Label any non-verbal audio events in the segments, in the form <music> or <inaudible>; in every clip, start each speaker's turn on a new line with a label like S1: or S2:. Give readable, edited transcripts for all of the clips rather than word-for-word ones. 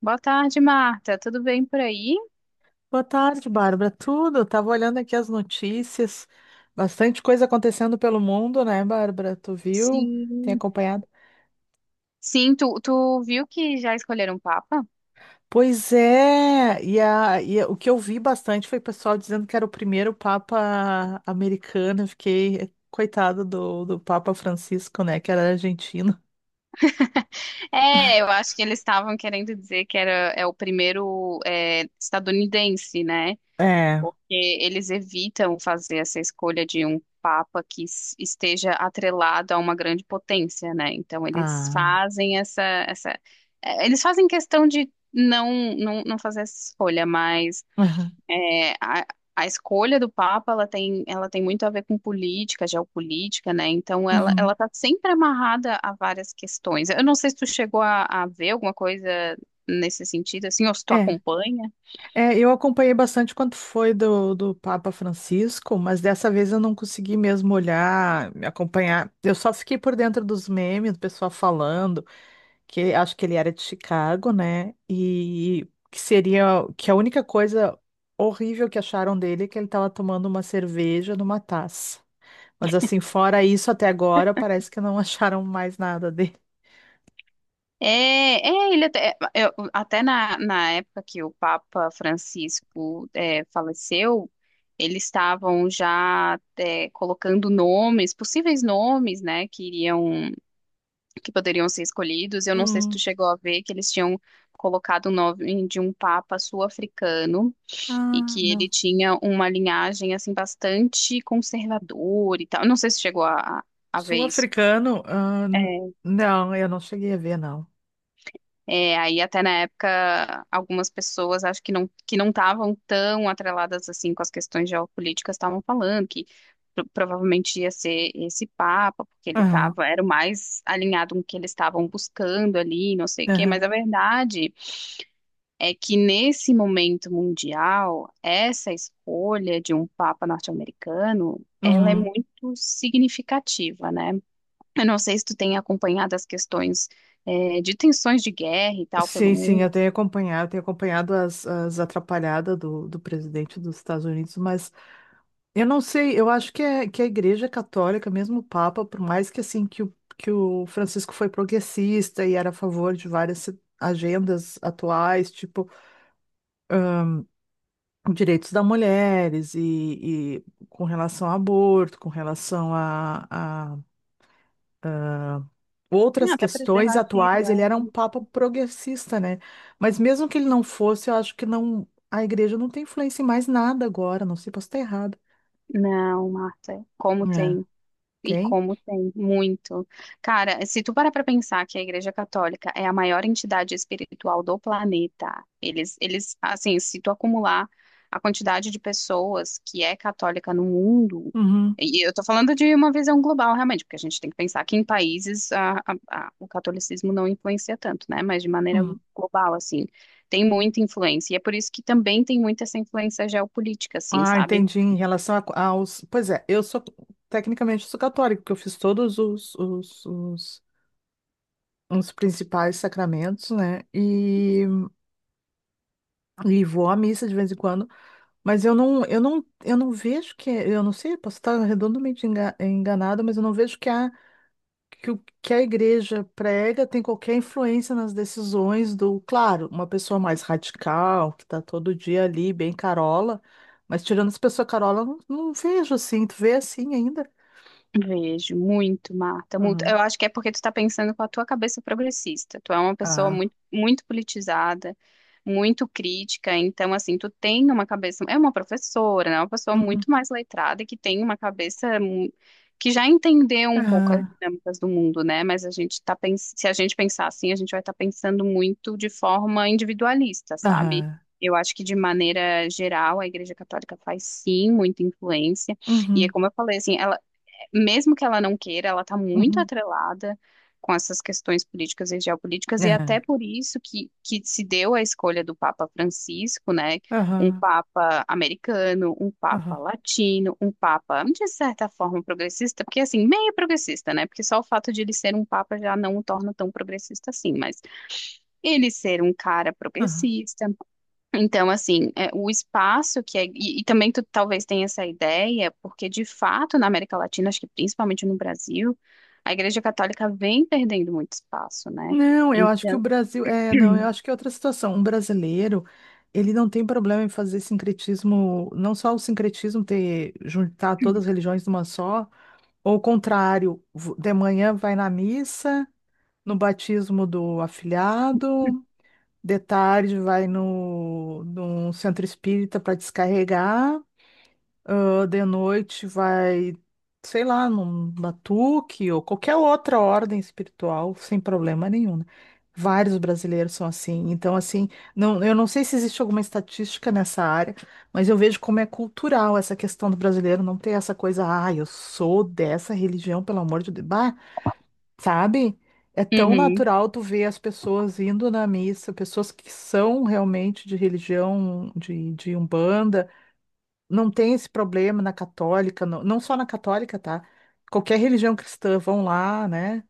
S1: Boa tarde, Marta. Tudo bem por aí?
S2: Boa tarde, Bárbara. Tudo? Tava olhando aqui as notícias. Bastante coisa acontecendo pelo mundo, né, Bárbara? Tu viu? Tem
S1: Sim.
S2: acompanhado?
S1: Sim, tu viu que já escolheram o Papa?
S2: Pois é. E o que eu vi bastante foi o pessoal dizendo que era o primeiro Papa americano. Eu Fiquei coitado do Papa Francisco, né, que era argentino.
S1: É, eu acho que eles estavam querendo dizer que era o primeiro estadunidense, né?
S2: É.
S1: Porque eles evitam fazer essa escolha de um papa que esteja atrelado a uma grande potência, né? Então eles
S2: Ah.
S1: fazem essa, eles fazem questão de não fazer essa escolha, mas
S2: <laughs>
S1: é, a, a escolha do Papa, ela tem muito a ver com política, geopolítica, né? Então,
S2: Aham. Uhum.
S1: ela tá sempre amarrada a várias questões. Eu não sei se tu chegou a ver alguma coisa nesse sentido, assim, ou se tu
S2: É.
S1: acompanha.
S2: É, eu acompanhei bastante quanto foi do Papa Francisco, mas dessa vez eu não consegui mesmo olhar, me acompanhar. Eu só fiquei por dentro dos memes, do pessoal falando que acho que ele era de Chicago, né? E que seria que a única coisa horrível que acharam dele é que ele estava tomando uma cerveja numa taça. Mas assim, fora isso, até agora parece que não <laughs> acharam mais nada dele.
S1: É, é, ele até, é, eu- até na época que o Papa Francisco faleceu, eles estavam já colocando nomes, possíveis nomes, né, que iriam, que poderiam ser escolhidos. Eu não sei se tu
S2: Hum.
S1: chegou a ver que eles tinham colocado o nome de um Papa sul-africano e
S2: Ah,
S1: que
S2: não.
S1: ele tinha uma linhagem assim bastante conservadora e tal. Eu não sei se tu chegou a ver isso.
S2: Sul-africano? Não, eu não cheguei a ver, não.
S1: É, aí até na época, algumas pessoas acho que não estavam tão atreladas assim com as questões geopolíticas estavam falando que provavelmente ia ser esse papa, porque ele
S2: Aham.
S1: estava era o mais alinhado com o que eles estavam buscando ali, não sei o quê, mas
S2: Aham.
S1: a verdade é que nesse momento mundial, essa escolha de um papa norte-americano, ela é
S2: Uhum.
S1: muito significativa, né? Eu não sei se tu tem acompanhado as questões de tensões de guerra e tal pelo
S2: Sim, sim, eu
S1: mundo.
S2: tenho acompanhado as, as atrapalhadas do presidente dos Estados Unidos, mas eu não sei, eu acho que, é, que a Igreja Católica, mesmo o Papa, por mais que assim que o Francisco foi progressista e era a favor de várias agendas atuais, tipo direitos das mulheres e com relação ao aborto, com relação a, outras
S1: Ah, até
S2: questões
S1: preservativo,
S2: atuais,
S1: né?
S2: ele era um papa progressista, né? Mas mesmo que ele não fosse, eu acho que não, a igreja não tem influência em mais nada agora, não sei, posso estar errado.
S1: Não, Marta, como
S2: É,
S1: tem. E
S2: tem?
S1: como tem, muito. Cara, se tu parar pra pensar que a Igreja Católica é a maior entidade espiritual do planeta, assim, se tu acumular a quantidade de pessoas que é católica no mundo,
S2: Uhum,
S1: e eu tô falando de uma visão global, realmente, porque a gente tem que pensar que em países o catolicismo não influencia tanto, né? Mas de maneira
S2: uhum.
S1: global, assim, tem muita influência. E é por isso que também tem muita essa influência geopolítica, assim,
S2: Ah,
S1: sabe?
S2: entendi, em relação aos... Pois é, eu sou, tecnicamente, eu sou católico porque eu fiz todos os principais sacramentos, né? E vou à missa de vez em quando, mas eu não vejo que, eu não sei, posso estar redondamente enganada, mas eu não vejo que há que o que a igreja prega tem qualquer influência nas decisões do, claro, uma pessoa mais radical, que está todo dia ali, bem carola, mas tirando as pessoas carola, eu não vejo assim, tu vê assim ainda?
S1: Vejo muito, Marta, muito. Eu
S2: Aham.
S1: acho que é porque tu tá pensando com a tua cabeça progressista. Tu é uma pessoa
S2: Ah.
S1: muito politizada, muito crítica, então assim, tu tem uma cabeça, é uma professora, né? Uma pessoa
S2: Uhum.
S1: muito mais letrada e que tem uma cabeça que já entendeu um pouco as
S2: Aham.
S1: dinâmicas do mundo, né? Mas a gente tá se a gente pensar assim, a gente vai estar pensando muito de forma individualista, sabe?
S2: Aham.
S1: Eu acho que de maneira geral a Igreja Católica faz sim muita influência. E é
S2: Uhum.
S1: como eu falei, assim, ela mesmo que ela não queira, ela está muito
S2: Uhum.
S1: atrelada com essas questões políticas e geopolíticas, e até
S2: Aham.
S1: por isso que se deu a escolha do Papa Francisco, né? Um
S2: Aham.
S1: Papa americano, um Papa
S2: Aham.
S1: latino, um Papa, de certa forma, progressista, porque assim, meio progressista, né? Porque só o fato de ele ser um Papa já não o torna tão progressista assim, mas ele ser um cara
S2: Aham.
S1: progressista, então, assim, é, o espaço que é. E também tu talvez tenha essa ideia, porque de fato na América Latina, acho que principalmente no Brasil, a Igreja Católica vem perdendo muito espaço, né?
S2: Não, eu acho que o
S1: Então.
S2: Brasil. É, não, eu
S1: <clears throat>
S2: acho que é outra situação. Um brasileiro, ele não tem problema em fazer sincretismo, não só o sincretismo ter, juntar todas as religiões numa só, ou o contrário, de manhã vai na missa, no batismo do afilhado, de tarde vai no, num centro espírita para descarregar. Ah, de noite vai, sei lá, num batuque ou qualquer outra ordem espiritual, sem problema nenhum, né? Vários brasileiros são assim. Então, assim, não, eu não sei se existe alguma estatística nessa área, mas eu vejo como é cultural essa questão do brasileiro não ter essa coisa, ah, eu sou dessa religião, pelo amor de Deus. Bah, sabe? É tão
S1: Uhum,
S2: natural tu ver as pessoas indo na missa, pessoas que são realmente de religião, de Umbanda. Não tem esse problema na católica, não só na católica, tá? Qualquer religião cristã vão lá, né?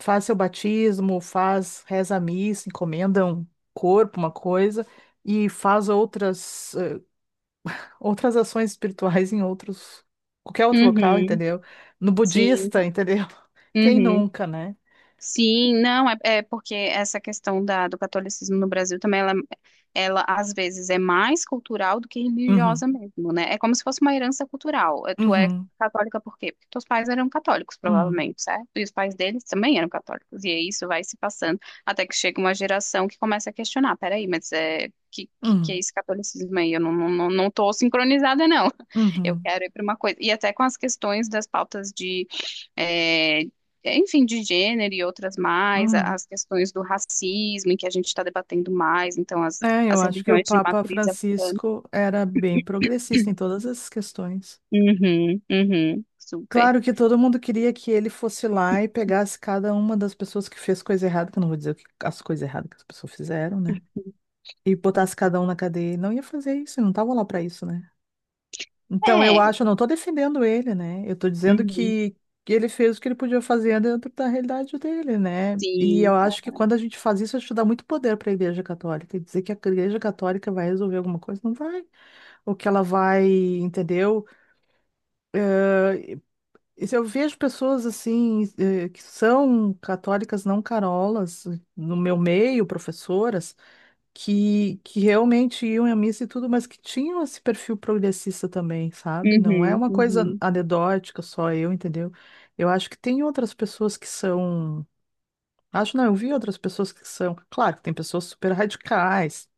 S2: Faz seu batismo, faz, reza a missa, encomenda um corpo, uma coisa, e faz outras, outras ações espirituais <laughs> em outros, qualquer outro local,
S1: uhum,
S2: entendeu? No
S1: sim,
S2: budista, entendeu? <laughs> Quem
S1: uhum.
S2: nunca, né?
S1: Sim, não, é porque essa questão do catolicismo no Brasil também, ela às vezes é mais cultural do que
S2: Uhum,
S1: religiosa mesmo, né? É como se fosse uma herança cultural. É, tu é
S2: uhum,
S1: católica por quê? Porque teus pais eram católicos,
S2: uhum,
S1: provavelmente, certo? E os pais deles também eram católicos. E aí isso vai se passando até que chega uma geração que começa a questionar, peraí, que é
S2: uhum,
S1: esse catolicismo aí? Eu não tô sincronizada, não. <laughs> Eu
S2: uhum,
S1: quero ir para uma coisa. E até com as questões das pautas de eh, enfim, de gênero e outras mais,
S2: uhum.
S1: as questões do racismo, em que a gente está debatendo mais, então
S2: É, eu
S1: as
S2: acho que o
S1: religiões de
S2: Papa
S1: matriz africana.
S2: Francisco era bem progressista em todas essas questões.
S1: Uhum, uhum, super.
S2: Claro que todo mundo queria que ele fosse lá e pegasse cada uma das pessoas que fez coisa errada, que eu não vou dizer as coisas erradas que as pessoas fizeram, né? E botasse
S1: Uhum.
S2: cada um na cadeia. Ele não ia fazer isso, ele não tava lá pra isso, né? Então eu
S1: É,
S2: acho, eu não tô defendendo ele, né? Eu tô dizendo
S1: uhum,
S2: que ele fez o que ele podia fazer dentro da realidade dele, né? E eu
S1: sim.
S2: acho que quando a gente faz isso, a gente dá muito poder para a Igreja Católica. E dizer que a Igreja Católica vai resolver alguma coisa, não vai. Ou que ela vai, entendeu? E se Eu vejo pessoas assim, que são católicas não carolas, no meu meio, professoras, que realmente iam à missa e tudo, mas que tinham esse perfil progressista também, sabe? Não é
S1: Uhum,
S2: uma coisa
S1: uhum.
S2: anedótica, só eu, entendeu? Eu acho que tem outras pessoas que são. Acho não, eu vi outras pessoas que são. Claro que tem pessoas super radicais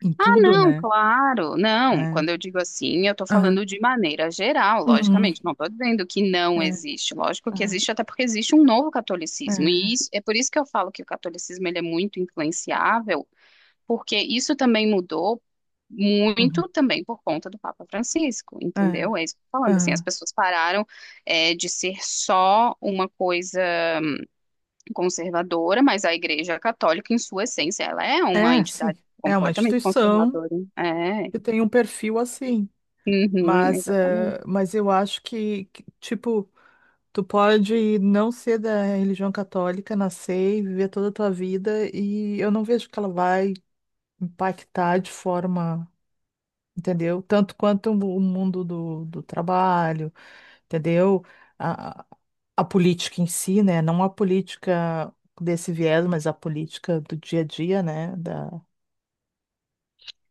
S2: em
S1: Ah,
S2: tudo,
S1: não,
S2: né?
S1: claro, não.
S2: É.
S1: Quando eu digo assim, eu estou
S2: Aham.
S1: falando de maneira geral,
S2: Uhum.
S1: logicamente. Não estou dizendo que não
S2: É.
S1: existe. Lógico que
S2: Aham.
S1: existe, até porque existe um novo catolicismo. E
S2: É.
S1: isso- é por isso que eu falo que o catolicismo ele é muito influenciável porque isso também mudou
S2: Uhum.
S1: muito também por conta do Papa Francisco,
S2: É.
S1: entendeu? É isso que eu tô falando, assim, as
S2: Aham.
S1: pessoas pararam de ser só uma coisa conservadora, mas a Igreja Católica, em sua essência, ela é uma
S2: É, sim,
S1: entidade
S2: é uma
S1: completamente
S2: instituição
S1: conservadora. Né? É,
S2: que tem um perfil assim,
S1: uhum,
S2: mas,
S1: exatamente.
S2: mas eu acho que, tipo, tu pode não ser da religião católica, nascer e viver toda a tua vida, e eu não vejo que ela vai impactar de forma, entendeu? Tanto quanto o mundo do trabalho, entendeu? A, a política em si, né? Não a política desse viés, mas a política do dia a dia, né? Da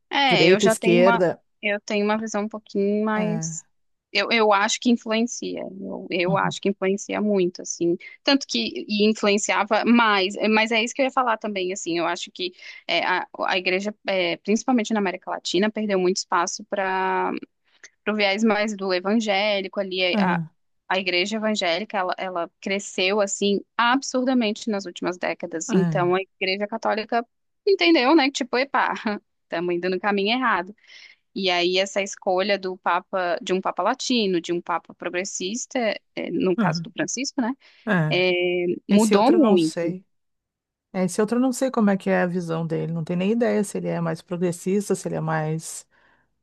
S1: É, eu
S2: direita,
S1: já tenho uma,
S2: esquerda.
S1: eu tenho uma visão um pouquinho mais. Eu acho que influencia. Eu
S2: Uhum.
S1: acho que influencia muito, assim. Tanto que e influenciava mais. Mas é isso que eu ia falar também, assim. Eu acho que a igreja, principalmente na América Latina, perdeu muito espaço pro viés mais do evangélico ali,
S2: É,
S1: a igreja evangélica, ela cresceu, assim, absurdamente nas últimas décadas.
S2: é,
S1: Então, a igreja católica entendeu, né, que tipo, epá, <laughs> estamos indo no caminho errado. E aí, essa escolha do papa, de um papa latino, de um papa progressista, no caso
S2: uhum,
S1: do Francisco, né,
S2: é.
S1: eh,
S2: Esse
S1: mudou
S2: outro eu não
S1: muito.
S2: sei. Esse outro eu não sei como é que é a visão dele. Não tenho nem ideia se ele é mais progressista, se ele é mais.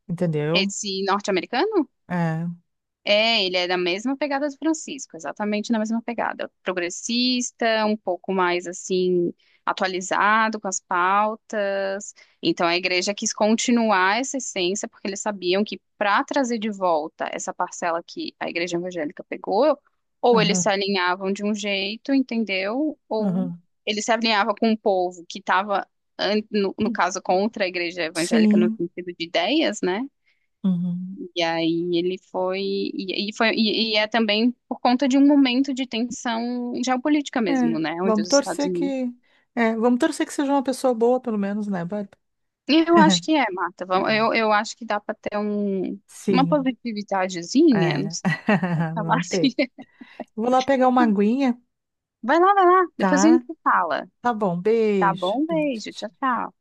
S2: Entendeu?
S1: Esse norte-americano?
S2: É.
S1: É, ele é da mesma pegada do Francisco, exatamente na mesma pegada. Progressista, um pouco mais assim, atualizado com as pautas. Então a igreja quis continuar essa essência, porque eles sabiam que para trazer de volta essa parcela que a igreja evangélica pegou, ou eles
S2: Aham,
S1: se alinhavam de um jeito, entendeu? Ou
S2: aham.
S1: eles se alinhavam com o povo que estava, no caso, contra a igreja evangélica no
S2: Sim.
S1: sentido de ideias, né?
S2: Uhum.
S1: E aí ele foi e é também por conta de um momento de tensão geopolítica mesmo,
S2: É.
S1: né, onde
S2: Vamos
S1: os Estados
S2: torcer
S1: Unidos.
S2: que. É, vamos torcer que seja uma pessoa boa, pelo menos, né, Bárbara?
S1: E eu acho que é, Marta. Vamos-
S2: É.
S1: eu acho que dá para ter um, uma
S2: Sim.
S1: positividadezinha, não
S2: É.
S1: sei como
S2: <laughs>
S1: falar
S2: Vão
S1: assim.
S2: ter.
S1: <laughs>
S2: Vou lá pegar uma aguinha,
S1: Vai lá, depois a
S2: tá?
S1: gente fala.
S2: Tá bom.
S1: Tá
S2: Beijo.
S1: bom? Beijo, tchau,
S2: Beijo.
S1: tchau.